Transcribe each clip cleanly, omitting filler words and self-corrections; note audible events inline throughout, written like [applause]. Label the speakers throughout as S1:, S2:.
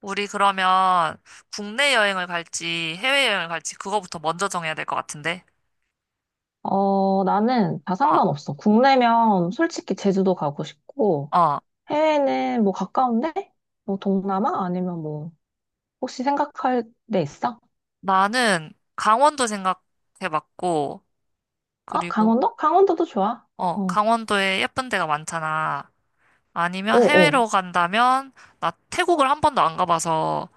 S1: 우리 그러면 국내 여행을 갈지 해외 여행을 갈지 그거부터 먼저 정해야 될 것 같은데.
S2: 어, 나는 다
S1: 어,
S2: 상관없어. 국내면 솔직히 제주도 가고 싶고,
S1: 어.
S2: 해외는 뭐 가까운데? 뭐 동남아? 아니면 혹시 생각할 데 있어?
S1: 나는 강원도 생각해봤고,
S2: 아,
S1: 그리고,
S2: 강원도? 강원도도 좋아.
S1: 어,
S2: 어,
S1: 강원도에 예쁜 데가 많잖아.
S2: 어,
S1: 아니면
S2: 어.
S1: 해외로 간다면, 나 태국을 한 번도 안 가봐서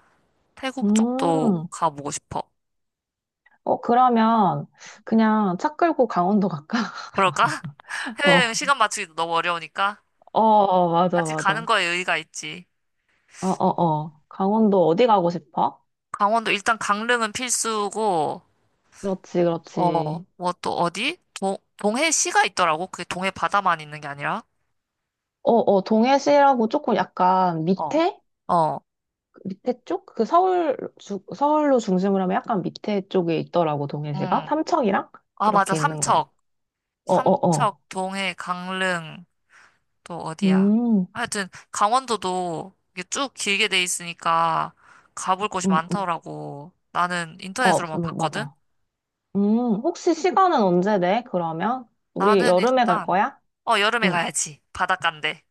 S1: 태국 쪽도
S2: 음,
S1: 가보고 싶어.
S2: 어, 그러면 그냥 차 끌고 강원도 갈까?
S1: 그럴까?
S2: [laughs]
S1: [laughs]
S2: 어,
S1: 해외여행 시간 맞추기도 너무 어려우니까
S2: 어, 어, 맞아,
S1: 같이
S2: 맞아.
S1: 가는
S2: 어,
S1: 거에 의의가 있지.
S2: 어, 어. 강원도 어디 가고 싶어?
S1: 강원도 일단 강릉은 필수고,
S2: 그렇지, 그렇지.
S1: 어, 뭐 또 어디? 동해시가 있더라고. 그게 동해 바다만 있는 게 아니라.
S2: 어, 어, 동해시라고 조금 약간
S1: 어,
S2: 밑에?
S1: 어,
S2: 밑에 쪽? 그 서울로 중심으로 하면 약간 밑에 쪽에 있더라고, 동해시가.
S1: 응.
S2: 삼척이랑?
S1: 아, 맞아.
S2: 이렇게 있는 거.
S1: 삼척.
S2: 어, 어,
S1: 삼척,
S2: 어.
S1: 동해, 강릉, 또 어디야?
S2: 음,
S1: 하여튼, 강원도도 이게 쭉 길게 돼 있으니까 가볼 곳이
S2: 음, 음.
S1: 많더라고. 나는
S2: 어,
S1: 인터넷으로만 봤거든?
S2: 맞아. 혹시 시간은 언제 돼, 그러면? 우리
S1: 나는
S2: 여름에 갈
S1: 일단,
S2: 거야?
S1: 어, 여름에
S2: 응.
S1: 가야지. 바닷가인데.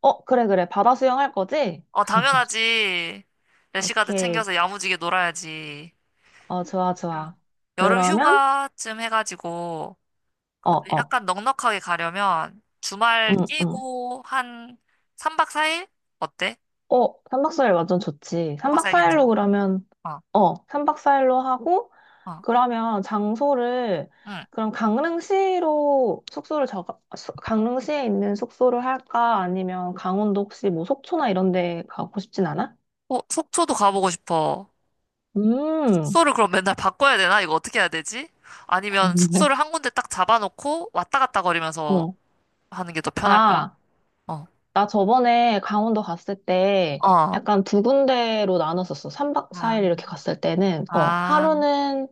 S2: 어, 그래, 그래. 바다 수영할 거지?
S1: 어, 당연하지. 래시가드
S2: 오케이.
S1: 챙겨서 야무지게 놀아야지.
S2: 어, 좋아,
S1: 그냥
S2: 좋아.
S1: 여름
S2: 그러면,
S1: 휴가쯤 해가지고,
S2: 어,
S1: 근데
S2: 어.
S1: 약간 넉넉하게 가려면 주말
S2: 응, 응.
S1: 끼고 한 3박 4일? 어때?
S2: 어, 3박 4일 완전 좋지.
S1: 3박
S2: 3박
S1: 4일
S2: 4일로
S1: 괜찮아?
S2: 그러면,
S1: 어,
S2: 어, 3박 4일로 하고,
S1: 어.
S2: 그러면 장소를
S1: 응.
S2: 그럼 강릉시로 숙소를 저 강릉시에 있는 숙소를 할까? 아니면 강원도 혹시 뭐 속초나 이런 데 가고 싶진 않아?
S1: 어, 속초도 가보고 싶어.
S2: 음.
S1: 숙소를 그럼 맨날 바꿔야 되나? 이거 어떻게 해야 되지? 아니면 숙소를
S2: [laughs]
S1: 한 군데 딱 잡아놓고 왔다 갔다 거리면서
S2: 어.
S1: 하는 게 더 편할까?
S2: 아,
S1: 어,
S2: 나 저번에 강원도 갔을 때
S1: 어.
S2: 약간 두 군데로 나눴었어. 3박
S1: 아,
S2: 4일 이렇게 갔을 때는, 어,
S1: 아,
S2: 하루는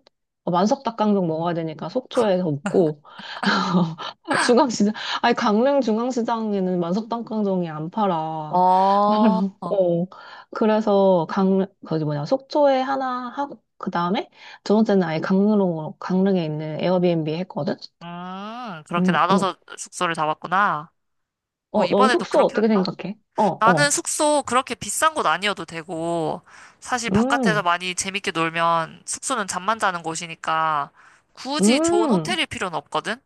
S2: 만석 닭강정 먹어야 되니까 속초에서 먹고, [laughs] 중앙시장, 아니, 강릉 중앙시장에는 만석 닭강정이 안 팔아.
S1: 어,
S2: [laughs]
S1: 어.
S2: 어, 그래서 속초에 하나 하고, 그 다음에 두 번째는 아예 강릉에 있는 에어비앤비 했거든?
S1: 그렇게
S2: 음, 음.
S1: 나눠서 숙소를 잡았구나. 뭐,
S2: 어, 넌
S1: 이번에도
S2: 숙소
S1: 그렇게
S2: 어떻게
S1: 할까?
S2: 생각해? 어,
S1: 나는
S2: 어.
S1: 숙소 그렇게 비싼 곳 아니어도 되고, 사실 바깥에서
S2: 음.
S1: 많이 재밌게 놀면 숙소는 잠만 자는 곳이니까 굳이 좋은
S2: 음,
S1: 호텔일 필요는 없거든?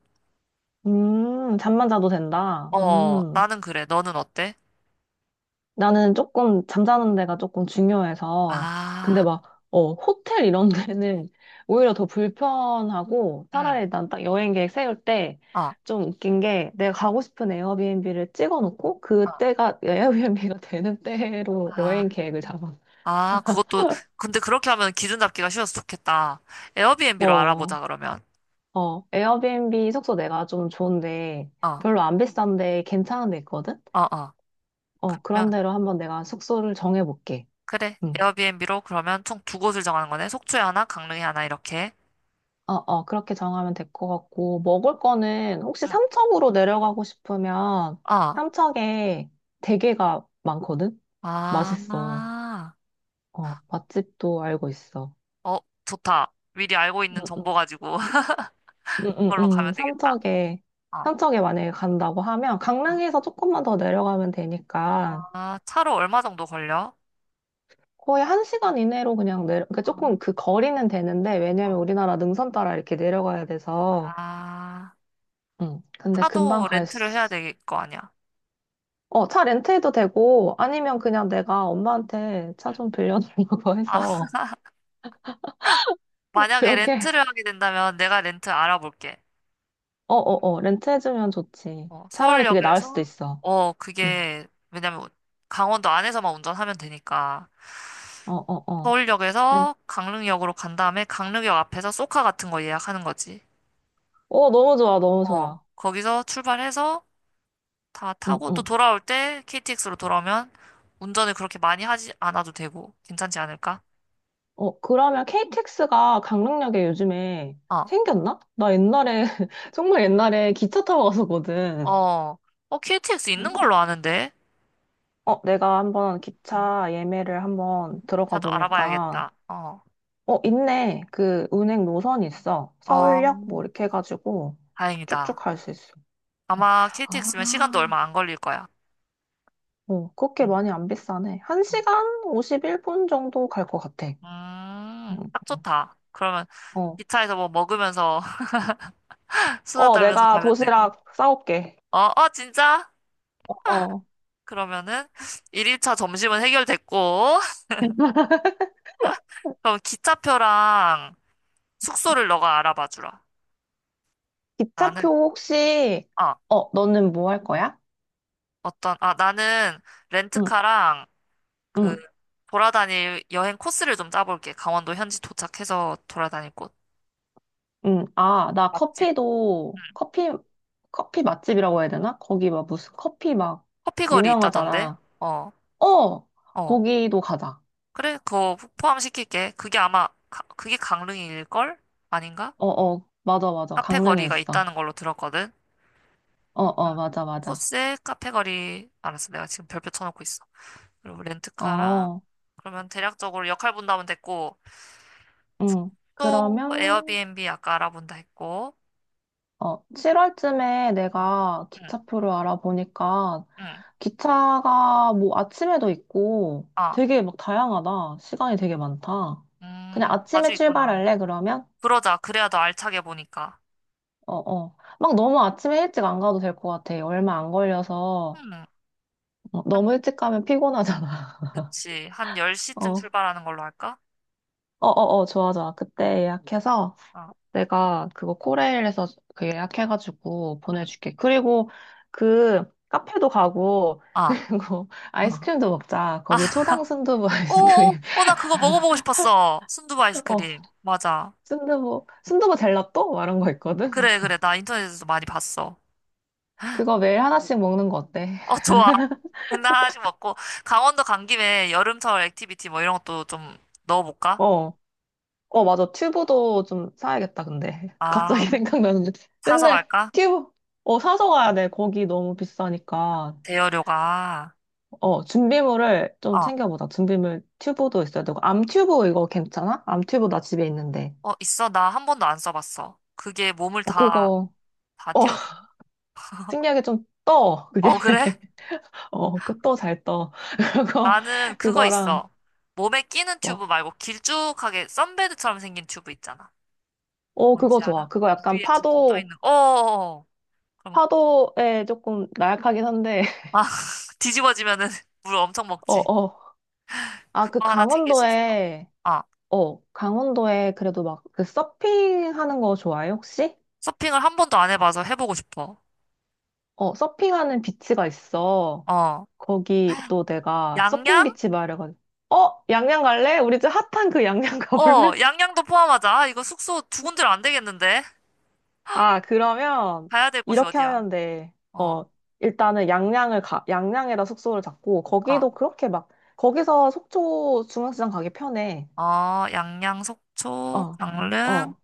S2: 잠만 자도 된다.
S1: 어, 나는 그래. 너는 어때?
S2: 나는 조금 잠자는 데가 조금 중요해서. 근데
S1: 아,
S2: 막, 어, 호텔 이런 데는 [laughs] 오히려 더 불편하고,
S1: 응,
S2: 차라리 난 딱 여행 계획 세울 때
S1: 어, 어,
S2: 좀 웃긴 게, 내가 가고 싶은 에어비앤비를 찍어 놓고, 그때가 에어비앤비가 [laughs] 되는 때로
S1: 아.
S2: 여행 계획을 잡아.
S1: 아, 그것도, 근데 그렇게 하면 기준 잡기가 쉬워서 좋겠다. 에어비앤비로
S2: 어,
S1: 알아보자, 그러면.
S2: 어, 에어비앤비 숙소 내가 좀 좋은데,
S1: 어,
S2: 별로 안 비싼데 괜찮은 데 있거든?
S1: 어, 어.
S2: 어, 그런
S1: 그러면,
S2: 데로 한번 내가 숙소를 정해볼게.
S1: 그래.
S2: 응.
S1: 에어비앤비로 그러면 총 두 곳을 정하는 거네. 속초에 하나, 강릉에 하나, 이렇게.
S2: 어, 어, 그렇게 정하면 될 것 같고, 먹을 거는 혹시
S1: 응.
S2: 삼척으로 내려가고 싶으면
S1: 어,
S2: 삼척에 대게가 많거든? 맛있어.
S1: 아.
S2: 어, 맛집도 알고 있어.
S1: 어, 좋다. 미리 알고
S2: 응,
S1: 있는
S2: 응,
S1: 정보 가지고 [laughs]
S2: 응, 응,
S1: 그걸로 가면
S2: 응.
S1: 되겠다. 어.
S2: 삼척에 만약에 간다고 하면
S1: 어.
S2: 강릉에서 조금만 더 내려가면 되니까
S1: 아, 차로 얼마 정도 걸려?
S2: 거의 한 시간 이내로 그러니까 조금 그 거리는 되는데,
S1: 어.
S2: 왜냐면
S1: 어.
S2: 우리나라 능선 따라 이렇게 내려가야 돼서,
S1: 아,
S2: 응. 근데 금방
S1: 차도
S2: 갈
S1: 렌트를
S2: 수
S1: 해야
S2: 있어.
S1: 될 거 아니야.
S2: 어, 차 렌트해도 되고, 아니면 그냥 내가 엄마한테
S1: 응.
S2: 차 좀 빌려달라고 [laughs]
S1: 아, [laughs]
S2: 해서,
S1: 만약에
S2: 그렇게,
S1: 렌트를 하게 된다면 내가 렌트 알아볼게.
S2: 어, 어, 어, 렌트해주면 좋지.
S1: 어,
S2: 차라리 그게 나을 수도
S1: 서울역에서,
S2: 있어.
S1: 어,
S2: 응,
S1: 그게, 왜냐면 강원도 안에서만 운전하면 되니까.
S2: 어, 어, 어. 렌-
S1: 서울역에서 강릉역으로 간 다음에 강릉역 앞에서 쏘카 같은 거 예약하는 거지.
S2: 어, 너무 좋아, 너무
S1: 어,
S2: 좋아.
S1: 거기서 출발해서 다
S2: 응,
S1: 타고 또
S2: 응.
S1: 돌아올 때 KTX로 돌아오면 운전을 그렇게 많이 하지 않아도 되고 괜찮지 않을까?
S2: 어, 그러면 KTX가 강릉역에 요즘에
S1: 어,
S2: 생겼나? 나 옛날에, [laughs] 정말 옛날에 기차 타고 갔었거든.
S1: 어, 어, KTX 있는 걸로 아는데.
S2: 어, 내가 한번
S1: 음,
S2: 기차 예매를 한번 들어가
S1: 자도
S2: 보니까,
S1: 알아봐야겠다. 어,
S2: 어, 있네. 그 은행 노선 있어.
S1: 어,
S2: 서울역 뭐 이렇게 해가지고 쭉쭉
S1: 다행이다.
S2: 갈 수 있어. 어.
S1: 아마 KTX면 시간도
S2: 아,
S1: 얼마 안 걸릴 거야.
S2: 어, 그렇게
S1: 음,
S2: 많이 안 비싸네.
S1: 어.
S2: 1시간 51분 정도 갈 것 같아. 음,
S1: 딱 좋다. 그러면
S2: 어,
S1: 기차에서 뭐 먹으면서 [laughs] 수다
S2: 어,
S1: 떨면서
S2: 내가
S1: 가면 되고.
S2: 도시락 싸올게.
S1: 어, 어, 진짜?
S2: 어, 어.
S1: 그러면은 1일차 점심은 해결됐고, [laughs] 그럼 기차표랑 숙소를 너가 알아봐 주라.
S2: 기차표
S1: 나는,
S2: 혹시,
S1: 아,
S2: 어, 너는 뭐 할 거야?
S1: 어떤, 아, 나는
S2: 응,
S1: 렌트카랑 그
S2: 응,
S1: 돌아다닐 여행 코스를 좀 짜볼게. 강원도 현지 도착해서 돌아다닐 곳.
S2: 응. 아,
S1: 맛집. 응.
S2: 커피 맛집이라고 해야 되나? 거기 막 무슨 커피 막
S1: 커피거리 있다던데?
S2: 유명하잖아.
S1: 어,
S2: 어,
S1: 어.
S2: 거기도 가자.
S1: 그래, 그거 포함시킬게. 그게 아마, 가- 그게 강릉일걸? 아닌가?
S2: 어, 어, 맞아, 맞아.
S1: 카페
S2: 강릉에
S1: 거리가
S2: 있어.
S1: 있다는 걸로 들었거든.
S2: 어,
S1: 음.
S2: 어, 맞아, 맞아.
S1: 코스에 카페 거리, 알았어. 내가 지금 별표 쳐놓고 있어. 그리고 렌트카랑,
S2: 어,
S1: 그러면 대략적으로 역할 분담은 됐고,
S2: 응.
S1: 또
S2: 그러면,
S1: 에어비앤비 아까 알아본다 했고.
S2: 어, 7월쯤에
S1: 어,
S2: 내가
S1: 응,
S2: 기차표를 알아보니까
S1: 응.
S2: 기차가 뭐 아침에도 있고
S1: 아,
S2: 되게 막 다양하다. 시간이 되게 많다. 그냥 아침에
S1: 아주 있구나.
S2: 출발할래, 그러면?
S1: 그러자. 그래야 더 알차게 보니까.
S2: 어, 어. 막 너무 아침에 일찍 안 가도 될 것 같아. 얼마 안 걸려서.
S1: 음,
S2: 어, 너무
S1: 한,
S2: 일찍 가면 피곤하잖아.
S1: 그치. 한
S2: [laughs] 어,
S1: 10시쯤
S2: 어,
S1: 출발하는 걸로 할까?
S2: 어, 어, 좋아, 좋아.
S1: 응,
S2: 그때 예약해서
S1: 어,
S2: 내가 그거 코레일에서 그 예약해가지고
S1: 응.
S2: 보내줄게. 그리고 그 카페도 가고,
S1: 아.
S2: 그리고 [laughs]
S1: [laughs]
S2: 아이스크림도 먹자.
S1: 아,
S2: 거기 초당 순두부
S1: 오,
S2: 아이스크림.
S1: 오, 오, 나 그거 먹어보고 싶었어. 순두부
S2: [laughs] 어,
S1: 아이스크림. 맞아.
S2: 순두부 젤라또? 막 이런 거 있거든?
S1: 그래, 그래. 나 인터넷에서 많이 봤어.
S2: 그거 매일 하나씩 먹는 거 어때?
S1: 어, 좋아. [laughs] 맨날 하나씩 먹고. 강원도 간 김에 여름철 액티비티 뭐 이런 것도 좀 넣어볼까?
S2: 어, 어, 맞아. 튜브도 좀 사야겠다, 근데. [laughs] 갑자기
S1: 아,
S2: 생각나는데.
S1: 사서
S2: 맨날
S1: 갈까?
S2: 튜브, 어, 사서 가야 돼. 거기 너무 비싸니까.
S1: 대여료가.
S2: 어, 준비물을 좀
S1: 어,
S2: 챙겨보자. 준비물 튜브도 있어야 되고. 암 튜브 이거 괜찮아? 암 튜브 나 집에 있는데.
S1: 어, 있어. 나 한 번도 안 써봤어. 그게 몸을
S2: 어,
S1: 다,
S2: 그거,
S1: 다
S2: 어,
S1: 띄워주니?
S2: [laughs] 신기하게 좀 떠. 그게.
S1: 어, 그래?
S2: [laughs] 어, 그 떠 잘 떠. [laughs] 그거,
S1: 나는 그거
S2: 그거랑,
S1: 있어. 몸에 끼는 튜브
S2: 뭐.
S1: 말고 길쭉하게 선베드처럼 생긴 튜브 있잖아.
S2: 어, 그거
S1: 뭔지
S2: 좋아.
S1: 아나? 물 위에 둥둥 떠 있는. 거. 어어어. 그럼,
S2: 파도에 조금 나약하긴 한데. [laughs]
S1: 아, [laughs] 뒤집어지면은 [laughs] 물 엄청
S2: 어,
S1: 먹지.
S2: 어. 아, 그
S1: 그거 하나 챙길 수 있어.
S2: 강원도에,
S1: 아,
S2: 어, 강원도에 그래도 막 그 서핑 하는 거 좋아해, 혹시?
S1: 서핑을 한 번도 안 해봐서 해보고 싶어.
S2: 어, 서핑하는 비치가 있어.
S1: 어.
S2: 거기 또 내가 서핑
S1: 양양?
S2: 비치 말해가지고, 어, 양양 갈래? 우리 집 핫한 그 양양 [laughs]
S1: 어,
S2: 가볼래?
S1: 양양도 포함하자. 아, 이거 숙소 두 군데로 안 되겠는데?
S2: 아, 그러면
S1: 가야 될 곳이
S2: 이렇게
S1: 어디야?
S2: 하면 돼.
S1: 어.
S2: 어, 일단은 양양에다 숙소를 잡고,
S1: 아.
S2: 거기서 속초 중앙시장 가기 편해.
S1: 어, 양양, 속초,
S2: 어,
S1: 강릉,
S2: 어,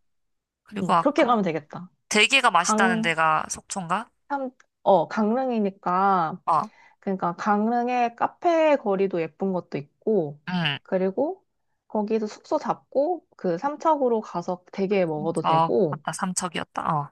S1: 그리고
S2: 응, 그렇게
S1: 아까
S2: 가면 되겠다.
S1: 대게가 맛있다는
S2: 강,
S1: 데가 속초인가?
S2: 참, 어, 강릉이니까,
S1: 어,
S2: 그러니까 강릉의 카페 거리도 예쁜 것도 있고,
S1: 응.
S2: 그리고 거기서 숙소 잡고 그 삼척으로 가서 대게 먹어도
S1: 어,
S2: 되고,
S1: 아까 삼척이었다. 어,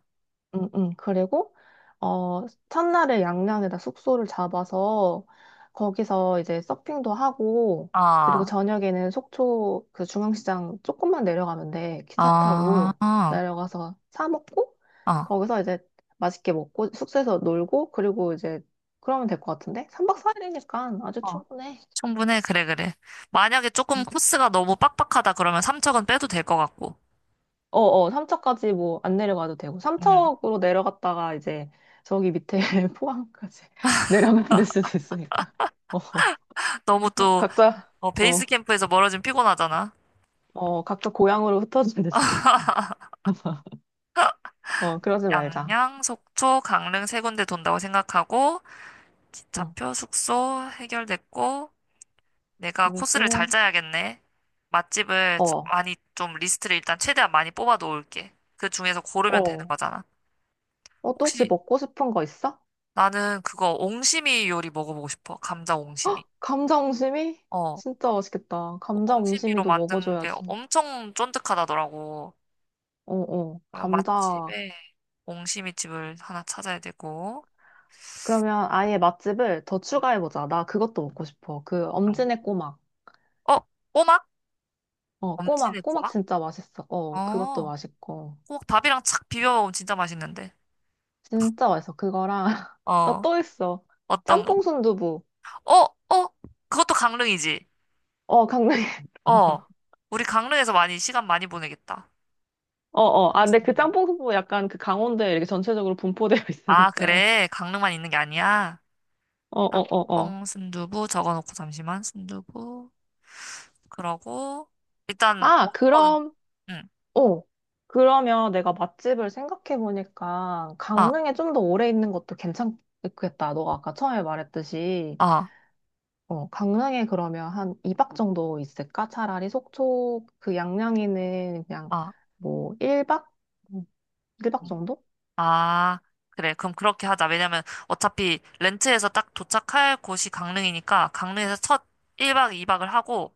S2: 그리고 어 첫날에 양양에다 숙소를 잡아서 거기서 이제 서핑도 하고 그리고
S1: 어,
S2: 저녁에는 속초 그 중앙시장 조금만 내려가면 돼. 기차
S1: 어,
S2: 타고 내려가서 사 먹고
S1: 어,
S2: 거기서 이제 맛있게 먹고 숙소에서 놀고 그리고 이제 그러면 될 것 같은데? 3박 4일이니까 아주
S1: 어.
S2: 충분해.
S1: 충분해. 그래, 그래. 만약에 조금 코스가 너무 빡빡하다 그러면 삼척은 빼도 될 것 같고.
S2: 어어, 3척까지 뭐 안 내려가도 되고, 3
S1: 음
S2: 으로 내려갔다가 이제 저기 밑에 [laughs] 포항까지 [laughs] 내려가야 될 수도 있으니까. 어, 어.
S1: 너무 또
S2: 각자,
S1: 어,
S2: 어,
S1: 베이스 캠프에서 멀어지면 피곤하잖아.
S2: 어, 각자 고향으로 흩어져야 될 수도 있어. 어, 그러지 말자.
S1: 양양, 속초, 강릉 세 군데 돈다고 생각하고
S2: 어,
S1: 기차표, 숙소 해결됐고. 내가 코스를 잘
S2: 그리고,
S1: 짜야겠네. 맛집을 좀
S2: 어,
S1: 많이 좀 리스트를 일단 최대한 많이 뽑아 놓을게. 그 중에서 고르면 되는
S2: 어,
S1: 거잖아.
S2: 어, 또 혹시
S1: 혹시
S2: 먹고 싶은 거 있어?
S1: 나는 그거 옹심이 요리 먹어보고 싶어. 감자 옹심이.
S2: 감자 옹심이?
S1: 어,
S2: 진짜 맛있겠다.
S1: 그
S2: 감자
S1: 옹심이로
S2: 옹심이도
S1: 만든 게
S2: 먹어줘야지.
S1: 엄청 쫀득하다더라고.
S2: 어, 어,
S1: 그
S2: 감자.
S1: 맛집에 옹심이 집을 하나 찾아야 되고.
S2: 그러면 아예 맛집을 더
S1: 응.
S2: 추가해보자. 나 그것도 먹고 싶어. 그
S1: 응.
S2: 엄지네 꼬막.
S1: 어, 꼬막?
S2: 어,
S1: 엄지네
S2: 꼬막, 꼬막
S1: 꼬막?
S2: 진짜 맛있어. 어, 그것도
S1: 어,
S2: 맛있고.
S1: 꼬막 밥이랑 착 비벼 먹으면 진짜 맛있는데.
S2: 진짜 맛있어. 그거랑, [laughs] 나
S1: 어,
S2: 또 있어.
S1: 어떤 거?
S2: 짬뽕 순두부.
S1: 어, 어, 그것도 강릉이지.
S2: 어, 강릉에.
S1: 어,
S2: 있어. [laughs]
S1: 우리 강릉에서 많이, 시간 많이 보내겠다.
S2: 어, 어. 아, 근데 그
S1: 뽕순두부.
S2: 짬뽕 순두부 약간 그 강원도에 이렇게 전체적으로 분포되어 [laughs]
S1: 아,
S2: 있으니까.
S1: 그래. 강릉만 있는 게 아니야.
S2: 어, 어, 어, 어.
S1: 짬뽕, 순두부 적어놓고 잠시만. 순두부. 그러고, 일단,
S2: 아,
S1: 먹는 거는,
S2: 그럼,
S1: 응,
S2: 어. 그러면 내가 맛집을 생각해보니까
S1: 아,
S2: 강릉에 좀 더 오래 있는 것도 괜찮겠다. 너가 아까 처음에 말했듯이.
S1: 아,
S2: 어, 강릉에 그러면 한 2박 정도 있을까? 차라리 속초 그 양양에는 그냥
S1: 아,
S2: 뭐 1박? 1박
S1: 음.
S2: 정도?
S1: 아, 그래. 그럼 그렇게 하자. 왜냐면 어차피 렌트에서 딱 도착할 곳이 강릉이니까 강릉에서 첫 1박 2박을 하고,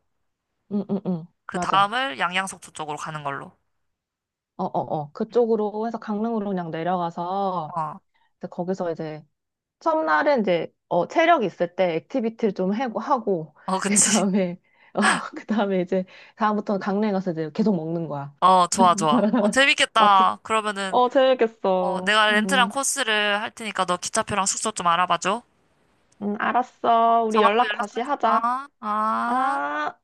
S2: 응, 응, 응.
S1: 그
S2: 맞아.
S1: 다음을 양양속초 쪽으로 가는 걸로.
S2: 어, 어, 어. 그쪽으로 해서 강릉으로 그냥 내려가서
S1: 어,
S2: 이제 거기서 이제 첫날은 이제 어, 체력 있을 때 액티비티를 좀 해고 하고
S1: 어,
S2: [laughs]
S1: 그치. [laughs]
S2: 그다음에 어, 그다음에 이제 다음부터는 강릉에 가서 이제 계속 먹는 거야.
S1: 어, 좋아, 좋아. 어,
S2: 맛집.
S1: 재밌겠다. 그러면은,
S2: 어,
S1: 어,
S2: 재밌겠어.
S1: 내가 렌트랑
S2: 음.
S1: 코스를 할 테니까 너 기차표랑 숙소 좀 알아봐줘. 어,
S2: 알았어. 우리
S1: 정하고
S2: 연락 다시
S1: 연락하자.
S2: 하자.
S1: 아, 아.
S2: 아.